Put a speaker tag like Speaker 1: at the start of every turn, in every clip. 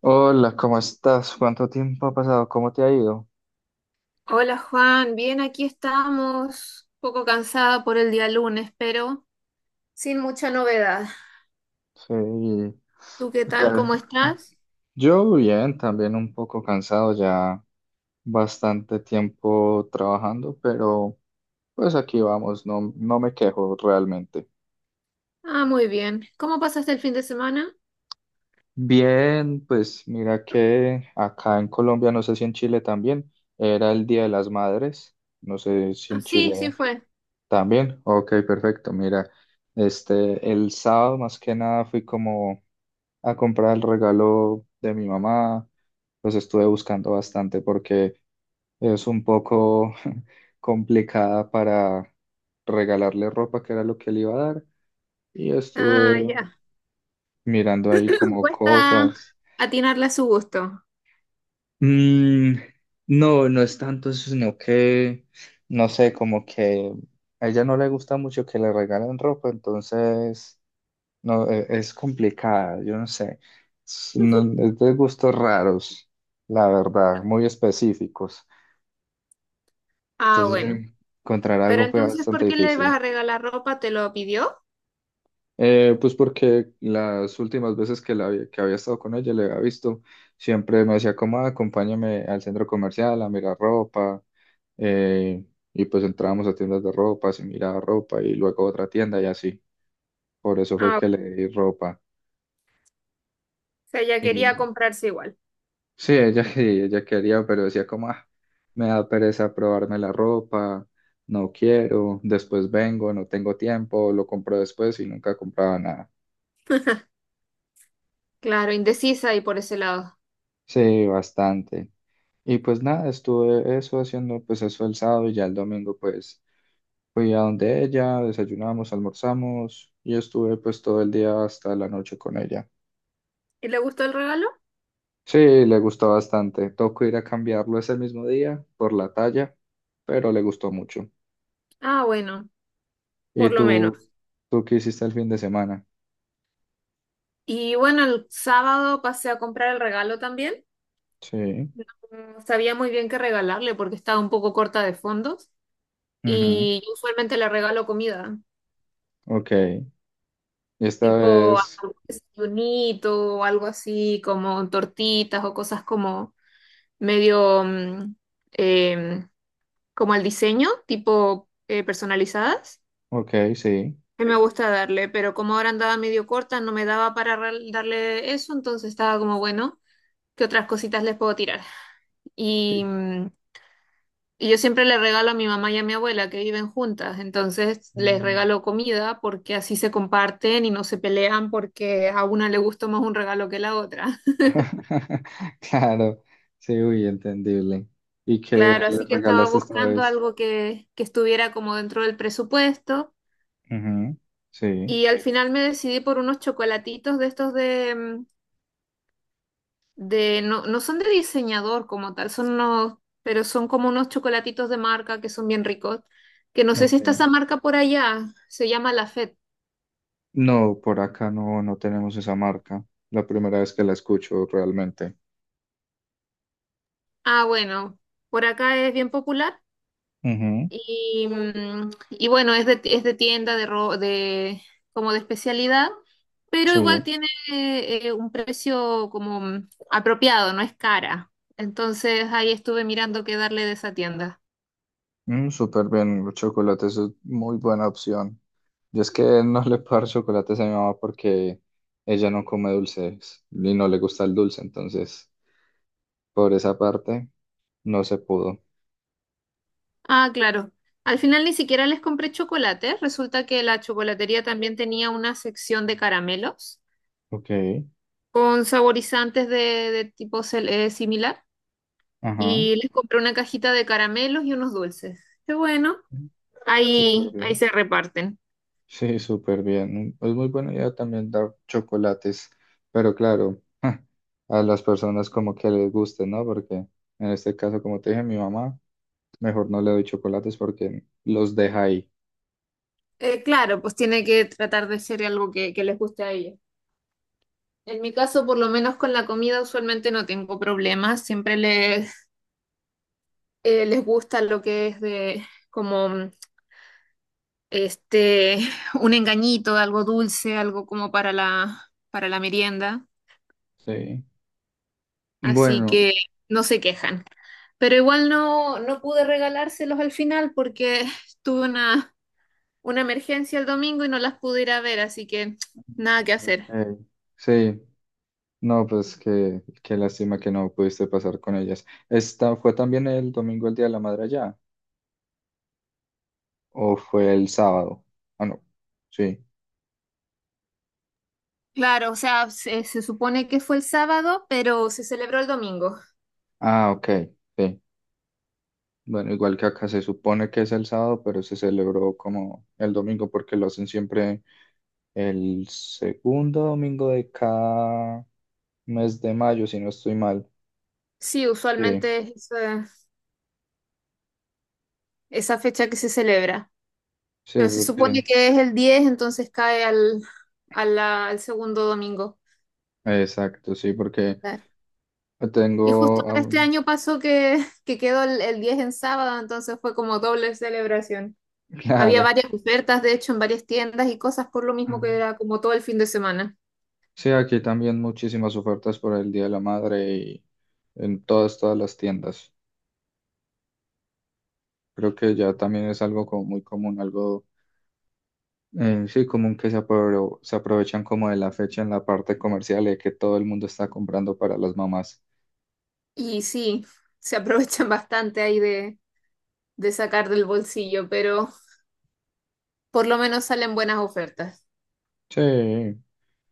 Speaker 1: Hola, ¿cómo estás? ¿Cuánto tiempo ha pasado? ¿Cómo te ha ido?
Speaker 2: Hola Juan, bien, aquí estamos, un poco cansada por el día lunes, pero sin mucha novedad.
Speaker 1: Sí.
Speaker 2: ¿Tú qué tal? ¿Cómo
Speaker 1: ya-
Speaker 2: estás?
Speaker 1: Yo bien, también un poco cansado, ya bastante tiempo trabajando, pero pues aquí vamos, no, no me quejo realmente.
Speaker 2: Ah, muy bien. ¿Cómo pasaste el fin de semana?
Speaker 1: Bien, pues mira que acá en Colombia, no sé si en Chile también, era el Día de las Madres, no sé si
Speaker 2: Ah,
Speaker 1: en
Speaker 2: sí, sí
Speaker 1: Chile
Speaker 2: fue.
Speaker 1: también. Ok, perfecto, mira, este, el sábado más que nada fui como a comprar el regalo de mi mamá, pues estuve buscando bastante porque es un poco complicada para regalarle ropa, que era lo que le iba a dar, y
Speaker 2: Ah,
Speaker 1: estuve
Speaker 2: ya.
Speaker 1: mirando ahí como
Speaker 2: Cuesta
Speaker 1: cosas.
Speaker 2: atinarle a su gusto.
Speaker 1: Mm, no, no es tanto eso, sino que, no sé, como que a ella no le gusta mucho que le regalen ropa, entonces no, es complicada, yo no sé. Es, es de gustos raros, la verdad, muy específicos.
Speaker 2: Ah,
Speaker 1: Entonces,
Speaker 2: bueno.
Speaker 1: encontrar
Speaker 2: Pero
Speaker 1: algo fue
Speaker 2: entonces,
Speaker 1: bastante
Speaker 2: ¿por qué le vas a
Speaker 1: difícil.
Speaker 2: regalar ropa? ¿Te lo pidió?
Speaker 1: Pues porque las últimas veces que, que había estado con ella, le había visto, siempre me decía como, "Ah, acompáñame al centro comercial a mirar ropa. eh, y pues entrábamos a tiendas de ropa, se miraba ropa y luego a otra tienda y así. Por eso fue
Speaker 2: Ah,
Speaker 1: que
Speaker 2: bueno.
Speaker 1: le di ropa.
Speaker 2: O sea, ella quería comprarse igual.
Speaker 1: Sí, ella, ella quería, pero decía como, "Ah, me da pereza probarme la ropa, no quiero, después vengo, no tengo tiempo, lo compro después y nunca compraba nada.
Speaker 2: Claro, indecisa y por ese lado.
Speaker 1: Sí, bastante. Y pues nada, estuve eso haciendo pues eso el sábado y ya el domingo pues fui a donde ella, desayunamos, almorzamos y estuve pues todo el día hasta la noche con ella.
Speaker 2: ¿Y le gustó el regalo?
Speaker 1: Sí, le gustó bastante. Tocó ir a cambiarlo ese mismo día por la talla, pero le gustó mucho.
Speaker 2: Ah, bueno,
Speaker 1: ¿Y
Speaker 2: por lo
Speaker 1: tú,
Speaker 2: menos.
Speaker 1: tú qué hiciste el fin de semana?
Speaker 2: Y bueno, el sábado pasé a comprar el regalo también.
Speaker 1: Sí.
Speaker 2: No sabía muy bien qué regalarle porque estaba un poco corta de fondos.
Speaker 1: Ujú.
Speaker 2: Y yo usualmente le regalo comida,
Speaker 1: Ok. Y esta
Speaker 2: tipo
Speaker 1: vez,
Speaker 2: algún desayunito o algo así, como tortitas o cosas como medio em, como al diseño, tipo personalizadas.
Speaker 1: ok, sí.
Speaker 2: Que me gusta darle, pero como ahora andaba medio corta, no me daba para darle eso, entonces estaba como bueno, ¿qué otras cositas les puedo tirar? Y.
Speaker 1: Y-
Speaker 2: mm, Y yo siempre le regalo a mi mamá y a mi abuela que viven juntas, entonces les
Speaker 1: Mm.
Speaker 2: regalo comida porque así se comparten y no se pelean porque a una le gustó más un regalo que la otra.
Speaker 1: Claro, sí, uy, entendible. ¿Y qué
Speaker 2: Claro,
Speaker 1: le
Speaker 2: así que estaba
Speaker 1: regalaste esta
Speaker 2: buscando
Speaker 1: vez?
Speaker 2: algo que estuviera como dentro del presupuesto
Speaker 1: Ujú. Sí.
Speaker 2: y al final me decidí por unos chocolatitos de estos de no, no son de diseñador como tal, son unos, pero son como unos chocolatitos de marca que son bien ricos, que no sé si está
Speaker 1: Ok.
Speaker 2: esa marca por allá, se llama La.
Speaker 1: No, por acá no, no tenemos esa marca. La primera vez que la escucho realmente.
Speaker 2: Ah, bueno, por acá es bien popular
Speaker 1: Ujú.
Speaker 2: y bueno, es de tienda, de como de especialidad, pero
Speaker 1: Sí.
Speaker 2: igual tiene un precio como apropiado, no es cara. Entonces ahí estuve mirando qué darle de esa tienda.
Speaker 1: Mm, súper bien. Los chocolates es muy buena opción. Yo es que no le puedo dar chocolates a mi mamá porque ella no come dulces y no le gusta el dulce, entonces por esa parte no se pudo.
Speaker 2: Ah, claro. Al final ni siquiera les compré chocolate. Resulta que la chocolatería también tenía una sección de caramelos
Speaker 1: Ok,
Speaker 2: con saborizantes de tipo similar.
Speaker 1: ajá,
Speaker 2: Y les compré una cajita de caramelos y unos dulces. Qué bueno,
Speaker 1: súper
Speaker 2: ahí
Speaker 1: bien.
Speaker 2: se reparten.
Speaker 1: Sí, súper bien. Es muy buena idea también dar chocolates, pero claro, a las personas como que les guste, ¿no? Porque en este caso, como te dije, mi mamá, mejor no le doy chocolates porque los deja ahí.
Speaker 2: Claro, pues tiene que tratar de ser algo que les guste a ellos. En mi caso, por lo menos con la comida, usualmente no tengo problemas. Siempre les gusta lo que es de como este un engañito, algo dulce, algo como para la merienda.
Speaker 1: Sí.
Speaker 2: Así
Speaker 1: Bueno,
Speaker 2: que no se quejan. Pero igual no pude regalárselos al final porque tuve una emergencia el domingo y no las pude ir a ver, así que nada que
Speaker 1: ok.
Speaker 2: hacer.
Speaker 1: Sí, no, pues qué, qué lástima que no pudiste pasar con ellas. ¿Esta fue también el domingo el Día de la Madre allá? ¿O fue el sábado? Ah, no. Sí.
Speaker 2: Claro, o sea, se supone que fue el sábado, pero se celebró el domingo.
Speaker 1: Ah, ok. Sí. Bueno, igual que acá se supone que es el sábado, pero se celebró como el domingo porque lo hacen siempre el segundo domingo de cada mes de mayo, si no estoy mal.
Speaker 2: Sí,
Speaker 1: Sí,
Speaker 2: usualmente es esa fecha que se celebra.
Speaker 1: sí,
Speaker 2: Pero se supone
Speaker 1: porque,
Speaker 2: que es el 10, entonces cae al segundo domingo.
Speaker 1: exacto, sí, porque
Speaker 2: Claro.
Speaker 1: tengo,
Speaker 2: Y justo ahora este año pasó que quedó el 10 en sábado, entonces fue como doble celebración. Había
Speaker 1: claro.
Speaker 2: varias ofertas, de hecho, en varias tiendas y cosas por lo mismo que era como todo el fin de semana.
Speaker 1: Sí, aquí también muchísimas ofertas por el Día de la Madre y en todas, todas las tiendas. Creo que ya también es algo como muy común, algo sí común que se aprovechan como de la fecha en la parte comercial de que todo el mundo está comprando para las mamás.
Speaker 2: Y sí, se aprovechan bastante ahí de sacar del bolsillo, pero por lo menos salen buenas ofertas.
Speaker 1: Sí,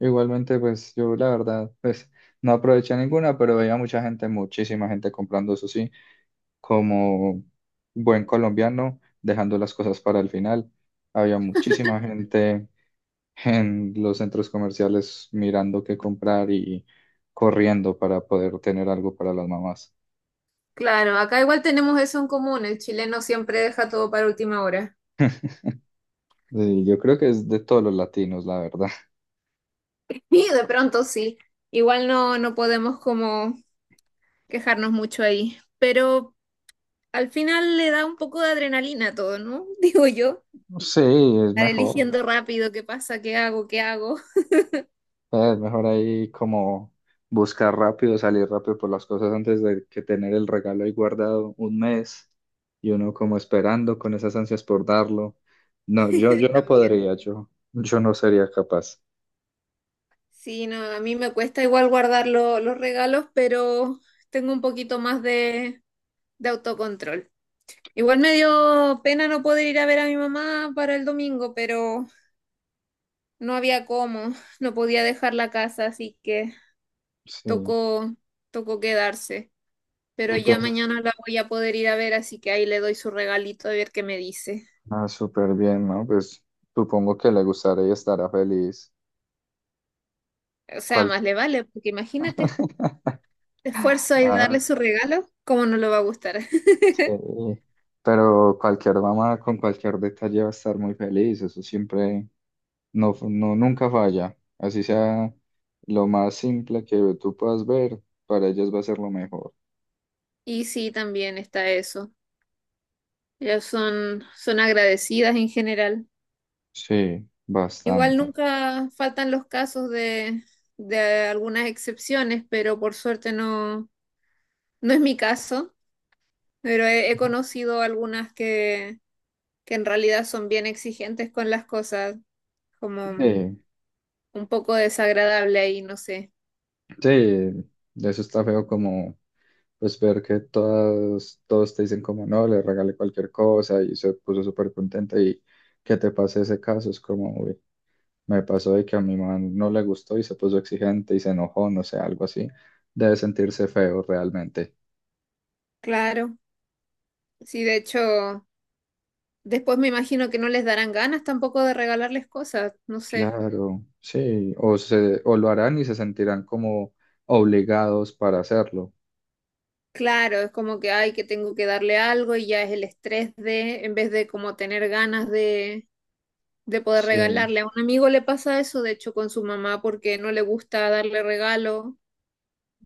Speaker 1: igualmente pues yo la verdad pues no aproveché ninguna, pero veía mucha gente, muchísima gente comprando eso sí, como buen colombiano, dejando las cosas para el final. Había muchísima gente en los centros comerciales mirando qué comprar y corriendo para poder tener algo para las mamás.
Speaker 2: Claro, acá igual tenemos eso en común, el chileno siempre deja todo para última hora.
Speaker 1: Y yo creo que es de todos los latinos, la verdad.
Speaker 2: Y de pronto sí, igual no podemos como quejarnos mucho ahí, pero al final le da un poco de adrenalina a todo, ¿no? Digo yo,
Speaker 1: Sí, es
Speaker 2: estar
Speaker 1: mejor.
Speaker 2: eligiendo rápido qué pasa, qué hago, qué hago.
Speaker 1: Es mejor ahí como buscar rápido, salir rápido por las cosas antes de que tener el regalo ahí guardado un mes y uno como esperando con esas ansias por darlo. No, yo no
Speaker 2: También,
Speaker 1: podría, yo no sería capaz.
Speaker 2: sí, no, a mí me cuesta igual guardar los regalos, pero tengo un poquito más de autocontrol. Igual me dio pena no poder ir a ver a mi mamá para el domingo, pero no había cómo, no podía dejar la casa, así que
Speaker 1: Sí.
Speaker 2: tocó, quedarse. Pero
Speaker 1: ¿Y
Speaker 2: ya
Speaker 1: piensas
Speaker 2: mañana la voy a poder ir a ver, así que ahí le doy su regalito a ver qué me dice.
Speaker 1: Ah, súper bien, ¿no? Pues supongo que le gustará y estará feliz.
Speaker 2: O sea,
Speaker 1: Cual...
Speaker 2: más le vale, porque imagínate, esfuerzo ahí de darle
Speaker 1: Ah,
Speaker 2: su regalo, cómo no le va a gustar.
Speaker 1: sí. Pero cualquier mamá con cualquier detalle va a estar muy feliz. Eso siempre, no, no, nunca falla. Así sea lo más simple que tú puedas ver, para ellas va a ser lo mejor.
Speaker 2: Y sí, también está eso. Ellas son agradecidas en general.
Speaker 1: Sí,
Speaker 2: Igual
Speaker 1: bastante.
Speaker 2: nunca faltan los casos de algunas excepciones, pero por suerte no es mi caso. Pero he conocido algunas que en realidad son bien exigentes con las cosas, como
Speaker 1: Sí,
Speaker 2: un poco desagradable ahí, no sé.
Speaker 1: sí, eso está feo como. Pues ver que todas, todos te dicen como, "No, le regalé cualquier cosa y se puso súper contenta", y que te pase ese caso, es como, uy, me pasó de que a mi mamá no le gustó y se puso exigente y se enojó, no sé, algo así, debe sentirse feo realmente.
Speaker 2: Claro, sí, de hecho, después me imagino que no les darán ganas tampoco de regalarles cosas, no sé.
Speaker 1: Claro, sí, o se, o lo harán y se sentirán como obligados para hacerlo.
Speaker 2: Claro, es como que hay que tengo que darle algo y ya es el estrés de, en vez de como tener ganas de, poder
Speaker 1: Sí,
Speaker 2: regalarle. A un amigo le pasa eso, de hecho, con su mamá, porque no le gusta darle regalo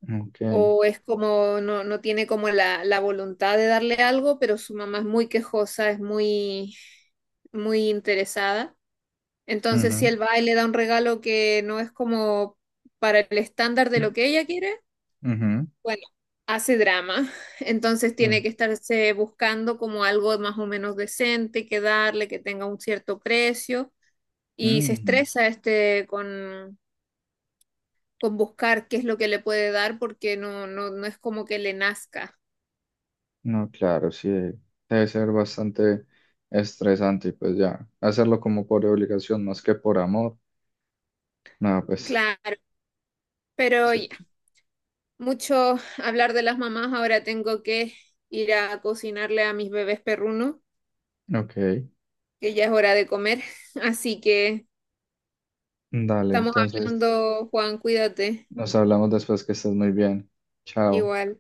Speaker 1: ok.
Speaker 2: o es como, no tiene como la voluntad de darle algo, pero su mamá es muy quejosa, es muy, muy interesada. Entonces, si
Speaker 1: Ujú,
Speaker 2: él va y le da un regalo que no es como para el estándar de lo que ella quiere,
Speaker 1: ujú,
Speaker 2: bueno, hace drama, entonces tiene
Speaker 1: mm,
Speaker 2: que estarse buscando como algo más o menos decente que darle, que tenga un cierto precio y se
Speaker 1: mm.
Speaker 2: estresa este con buscar qué es lo que le puede dar porque no es como que le nazca.
Speaker 1: No, claro, sí, debe ser bastante estresante y pues ya, hacerlo como por obligación más que por amor. No, pues,
Speaker 2: Claro, pero
Speaker 1: sí.
Speaker 2: ya, mucho hablar de las mamás, ahora tengo que ir a cocinarle a mis bebés perrunos,
Speaker 1: Ok,
Speaker 2: que ya es hora de comer. Así que
Speaker 1: dale,
Speaker 2: estamos
Speaker 1: entonces
Speaker 2: hablando, Juan, cuídate,
Speaker 1: nos hablamos después que estés muy bien. Chao.
Speaker 2: igual.